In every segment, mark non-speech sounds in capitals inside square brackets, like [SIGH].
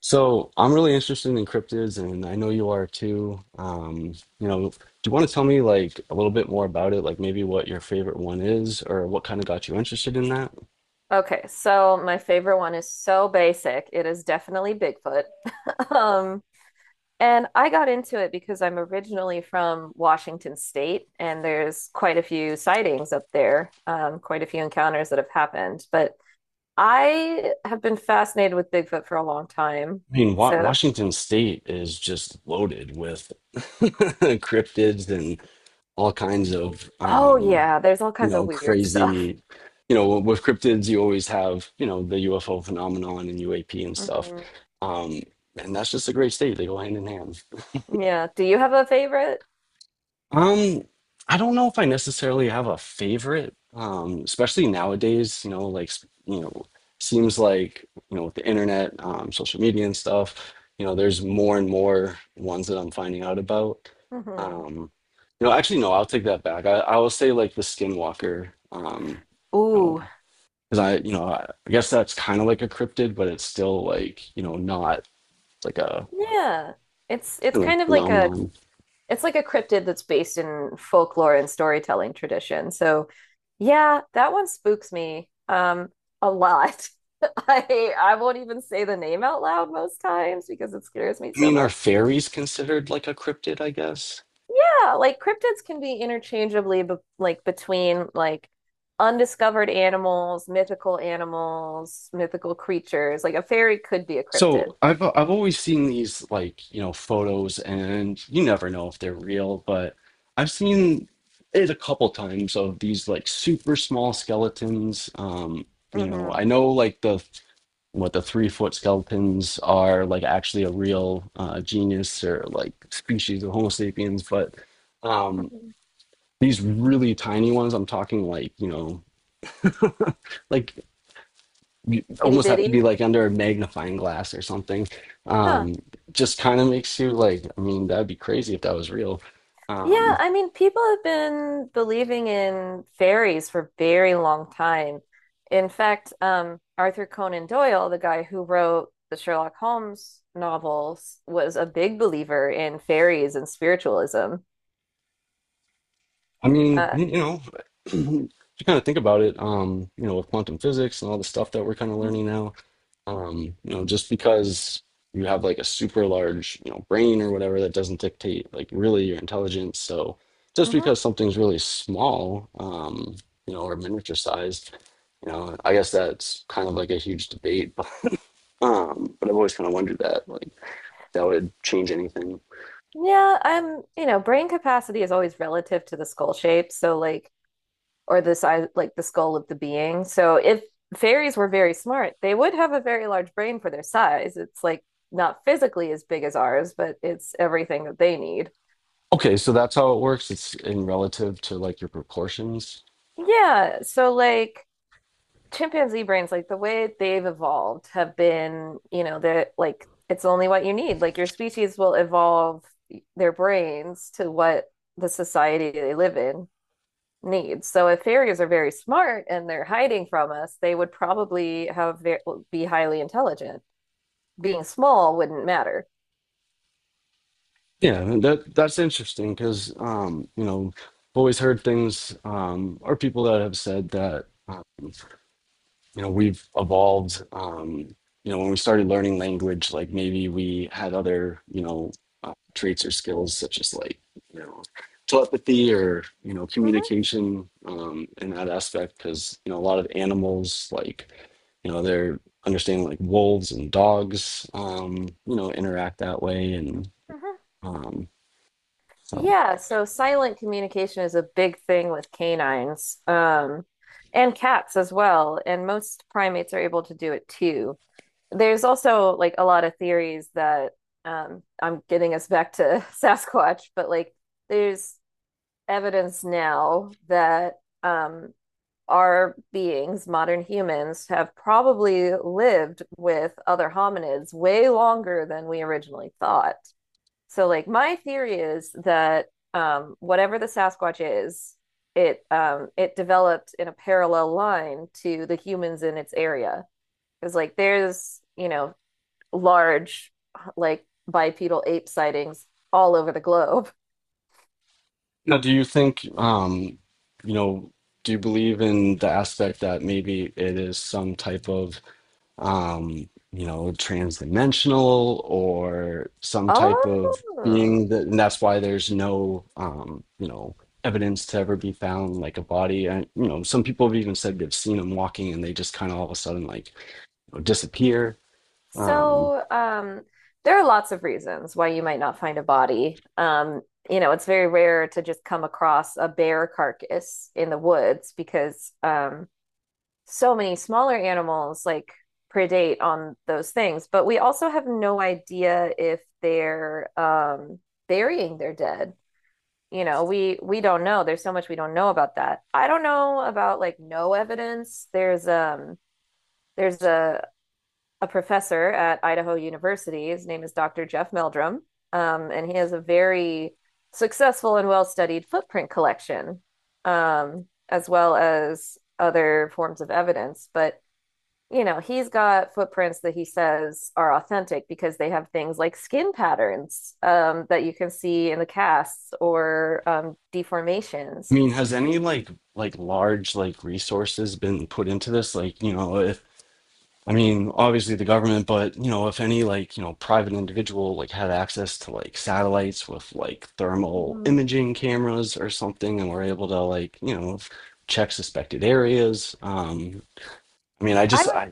So I'm really interested in cryptids, and I know you are too. Do you want to tell me a little bit more about it? Like maybe what your favorite one is, or what kind of got you interested in that? Okay, so my favorite one is so basic. It is definitely Bigfoot. [LAUGHS] Um, and I got into it because I'm originally from Washington State, and there's quite a few sightings up there, quite a few encounters that have happened. But I have been fascinated with Bigfoot for a long time. I mean, Wa So, Washington State is just loaded with [LAUGHS] cryptids and all kinds of, oh yeah, there's all kinds of weird [LAUGHS] stuff. crazy. You know, with cryptids, you always have, you know, the UFO phenomenon and UAP and stuff. Mhm. Um, and that's just a great state. They go hand in hand. Yeah. Do you have a favorite? Um, I don't know if I necessarily have a favorite, especially nowadays, you know, like, seems like, you know, with the internet, social media and stuff, you know, there's more and more ones that I'm finding out about. hmm Um, you know, actually, no, I'll take that back. I will say like the Skinwalker, you know, Ooh, because I, you know, I guess that's kind of like a cryptid, but it's still like, you know, not like a yeah. It's kind of kind of like a phenomenon. it's like a cryptid that's based in folklore and storytelling tradition. So yeah, that one spooks me a lot. [LAUGHS] I won't even say the name out loud most times because it scares me I so mean, are much. fairies considered like a cryptid, I guess? Yeah, like cryptids can be interchangeably like between like undiscovered animals, mythical creatures. Like a fairy could be a cryptid. So I've always seen these like, you know, photos and you never know if they're real, but I've seen it a couple times of these like super small skeletons. You know, Mm-hmm. I know like the what the 3 foot skeletons are like actually a real genus or like species of Homo sapiens, but um Mm-hmm. these really tiny ones, I'm talking like, you know, like you Itty almost have bitty. to be like under a magnifying glass or something. Huh. Um, just kind of makes you like, I mean, that'd be crazy if that was real. Yeah, Um, I mean, people have been believing in fairies for a very long time. In fact, Arthur Conan Doyle, the guy who wrote the Sherlock Holmes novels, was a big believer in fairies and spiritualism. I mean, Uh, [CLEARS THROAT] if you kind of think about it, you know, with quantum physics and all the stuff that we're kind of Mhm. learning now, you know, just because you have like a super large, you know, brain or whatever, that doesn't dictate like really your intelligence. So just mhm. because something's really small, you know, or miniature sized, you know, I guess that's kind of like a huge debate. [LAUGHS] But I've always kind of wondered that, like, that would change anything. Yeah, you know, brain capacity is always relative to the skull shape. So, like, or the size like the skull of the being. So if fairies were very smart, they would have a very large brain for their size. It's like not physically as big as ours, but it's everything that they need. Okay, so that's how it works. It's in relative to like your proportions. Yeah, so like chimpanzee brains, like the way they've evolved have been, you know, they're like it's only what you need. Like your species will evolve their brains to what the society they live in needs. So if fairies are very smart and they're hiding from us, they would probably be highly intelligent. Being small wouldn't matter. Yeah, and that's interesting because you know, I've always heard things or people that have said that you know we've evolved you know when we started learning language like maybe we had other you know traits or skills such as like you know telepathy or you know Hmm communication in that aspect because you know a lot of animals like you know they're understanding like wolves and dogs you know interact that way and hmm um so Yeah, so silent communication is a big thing with canines, and cats as well, and most primates are able to do it too. There's also like a lot of theories that I'm getting us back to [LAUGHS] Sasquatch, but like there's evidence now that um, our beings, modern humans, have probably lived with other hominids way longer than we originally thought. So, like, my theory is that whatever the Sasquatch is, it it developed in a parallel line to the humans in its area. Because, like, there's you know large like bipedal ape sightings all over the globe. now do you think you know do you believe in the aspect that maybe it is some type of um, you know, transdimensional or some type of Oh, being that, and that's why there's no, you know, evidence to ever be found like a body. And, you know, some people have even said they've seen them walking and they just kind of all of a sudden like you know, disappear. Um, So, um, there are lots of reasons why you might not find a body. You know, it's very rare to just come across a bear carcass in the woods because so many smaller animals like predate on those things. But we also have no idea if they're burying their dead. You know, we don't know. There's so much we don't know about that. I don't know about like no evidence. There's a professor at Idaho University. His name is Dr. Jeff Meldrum, and he has a very successful and well studied footprint collection, as well as other forms of evidence. But you know, he's got footprints that he says are authentic because they have things like skin patterns that you can see in the casts or I deformations. mean, has any like large like resources been put into this? Like, you know, if. I mean, obviously the government, but you know, if any like, you know, private individual like had access to like satellites with like thermal Mhm. imaging cameras or something and were able to like, you know, check suspected areas. I mean, I I just would I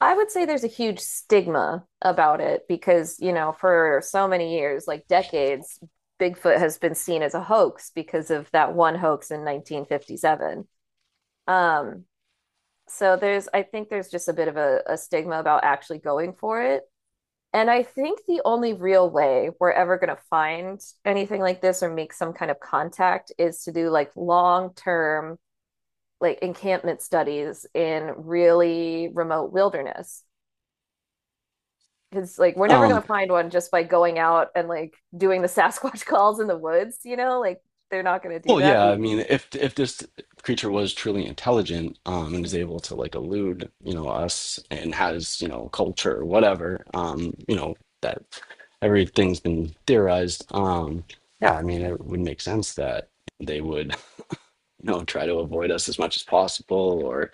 I would say there's a huge stigma about it because, you know, for so many years, like decades, Bigfoot has been seen as a hoax because of that one hoax in 1957. Um, so there's, I think there's just a bit of a stigma about actually going for it. And I think the only real way we're ever going to find anything like this or make some kind of contact is to do like long term, like encampment studies in really remote wilderness because like we're never um gonna find one just by going out and like doing the Sasquatch [LAUGHS] calls in the woods, you know? Like they're not gonna do Well, that. yeah, I The- mean, if this creature was truly intelligent, and is able Mhm. to like elude, you know, us and has, you know, culture or whatever, you know, that everything's been theorized. Yeah, I mean, it would make sense that they would, you know, try to avoid us as much as possible or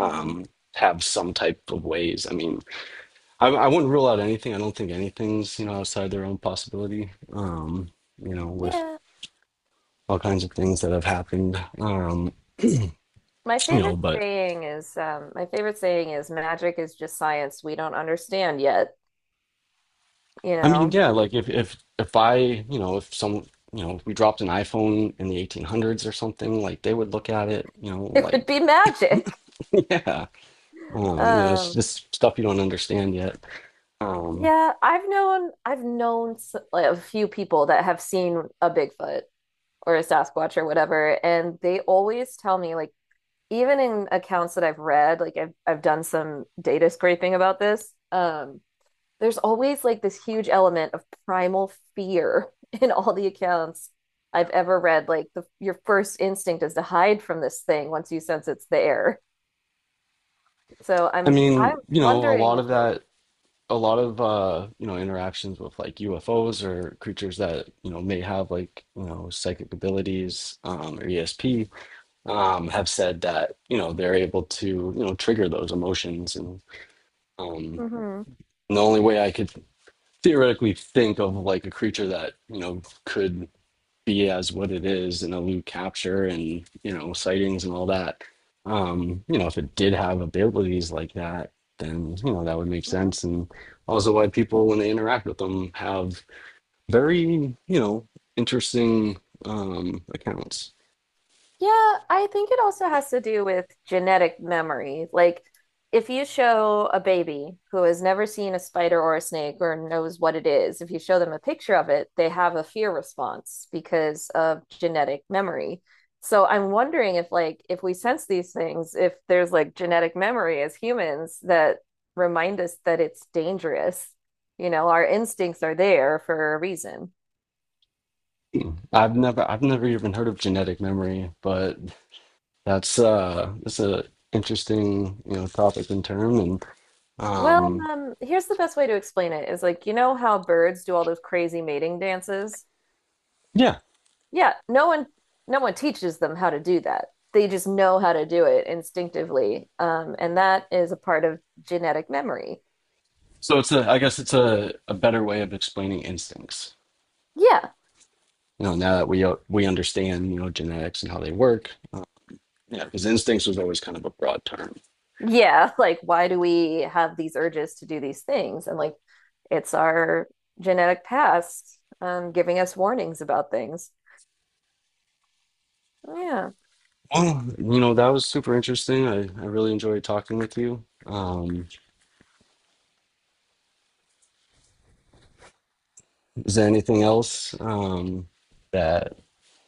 Mhm. have some type of ways. I mean, I wouldn't rule out anything. I don't think anything's, you know, outside their own possibility. You know, with Yeah. all kinds of things that have happened. You know but My favorite saying is magic is just science we don't understand yet, you I mean know. [LAUGHS] yeah like if I you know if some you know if we dropped an iphone in the 1800s or something like they would look at it you know It would be like magic. [LAUGHS] yeah you know it's Um just stuff you don't understand yet um yeah, I've known like, a few people that have seen a Bigfoot or a Sasquatch or whatever, and they always tell me like even in accounts that I've read, like I've done some data scraping about this, there's always like this huge element of primal fear [LAUGHS] in all the accounts I've ever read. Like the your first instinct is to hide from this thing once you sense it's there. So I I'm mean I'm you know a wondering lot of if like that a lot of you know interactions with like ufos or creatures that you know may have like you know psychic abilities or esp have said that you know they're able to you know trigger those emotions and um. Mhm. And the only way I could theoretically think of like a creature that, you know, could be as what it is in a loot capture and, you know, sightings and all that. You know, if it did have abilities like that, then, you know, that would make Mhm. sense. And also why people, when they interact with them, have very, you know, interesting accounts. Yeah, I think it also has to do with genetic memory. Like, if you show a baby who has never seen a spider or a snake or knows what it is, if you show them a picture of it, they have a fear response because of genetic memory. So I'm wondering if, like, if we sense these things, if there's like genetic memory as humans that remind us that it's dangerous. You know, our instincts are there for a reason. I've never even heard of genetic memory, but that's a interesting, you know, topic and term and Well, um here's the best way to explain it is like, you know how birds do all those crazy mating dances? yeah. Yeah, no one teaches them how to do that. They just know how to do it instinctively. And that is a part of genetic memory. So it's a, I guess it's a better way of explaining instincts. Yeah. You know, now that we understand, you know, genetics and how they work. Yeah, because instincts was always kind of a broad term. Yeah, like why do we have these urges to do these things? And like it's our genetic past giving us warnings about things. Yeah. Well, you know, that was super interesting. I really enjoyed talking with you. Is there anything else that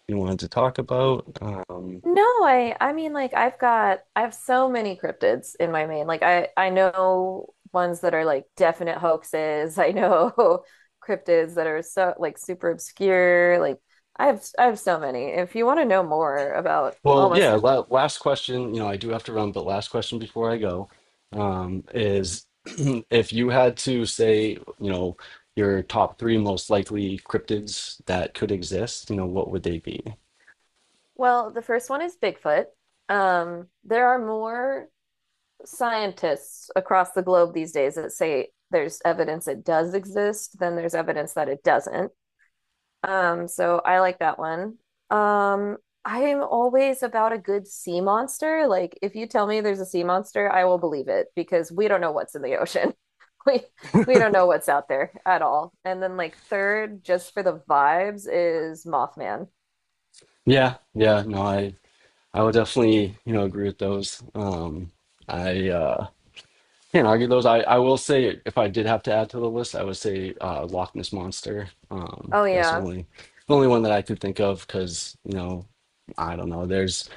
you wanted to talk about? No, I mean like I have so many cryptids in my main. Like I know ones that are like definite hoaxes. I know [LAUGHS] cryptids that are so like super obscure. Like I have so many. If you want to know more about Well, almost yeah, la last question, you know, I do have to run, but last question before I go, is [CLEARS THROAT] if you had to say, you know, your top three most likely cryptids that could exist, you know, what would they be? well, the first one is Bigfoot. There are more scientists across the globe these days that say there's evidence it does exist than there's evidence that it doesn't. So I like that one. Um, I am always about a good sea monster. Like, if you tell me there's a sea monster, I will believe it because we don't know what's in the ocean. [LAUGHS] We we don't know what's out there at all. And then like third, just for the vibes, is Mothman. Yeah, yeah, no, I would definitely, you know, agree with those. I can't argue those. I will say if I did have to add to the list, I would say Loch Ness Monster. Oh That's yeah. The only one that I could think of because, you know, I don't know. There's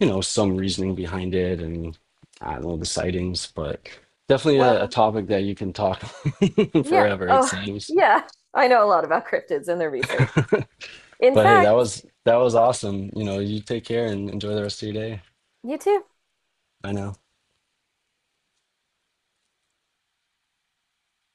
you know some reasoning behind it and I don't know the sightings, but definitely a Well, topic that you can talk [LAUGHS] yeah. forever, it Oh [LAUGHS] seems. yeah. I know a lot about cryptids and their research. In But hey, that fact, was that was oh, awesome. You know, you take care and enjoy the rest of your day. you too. I know.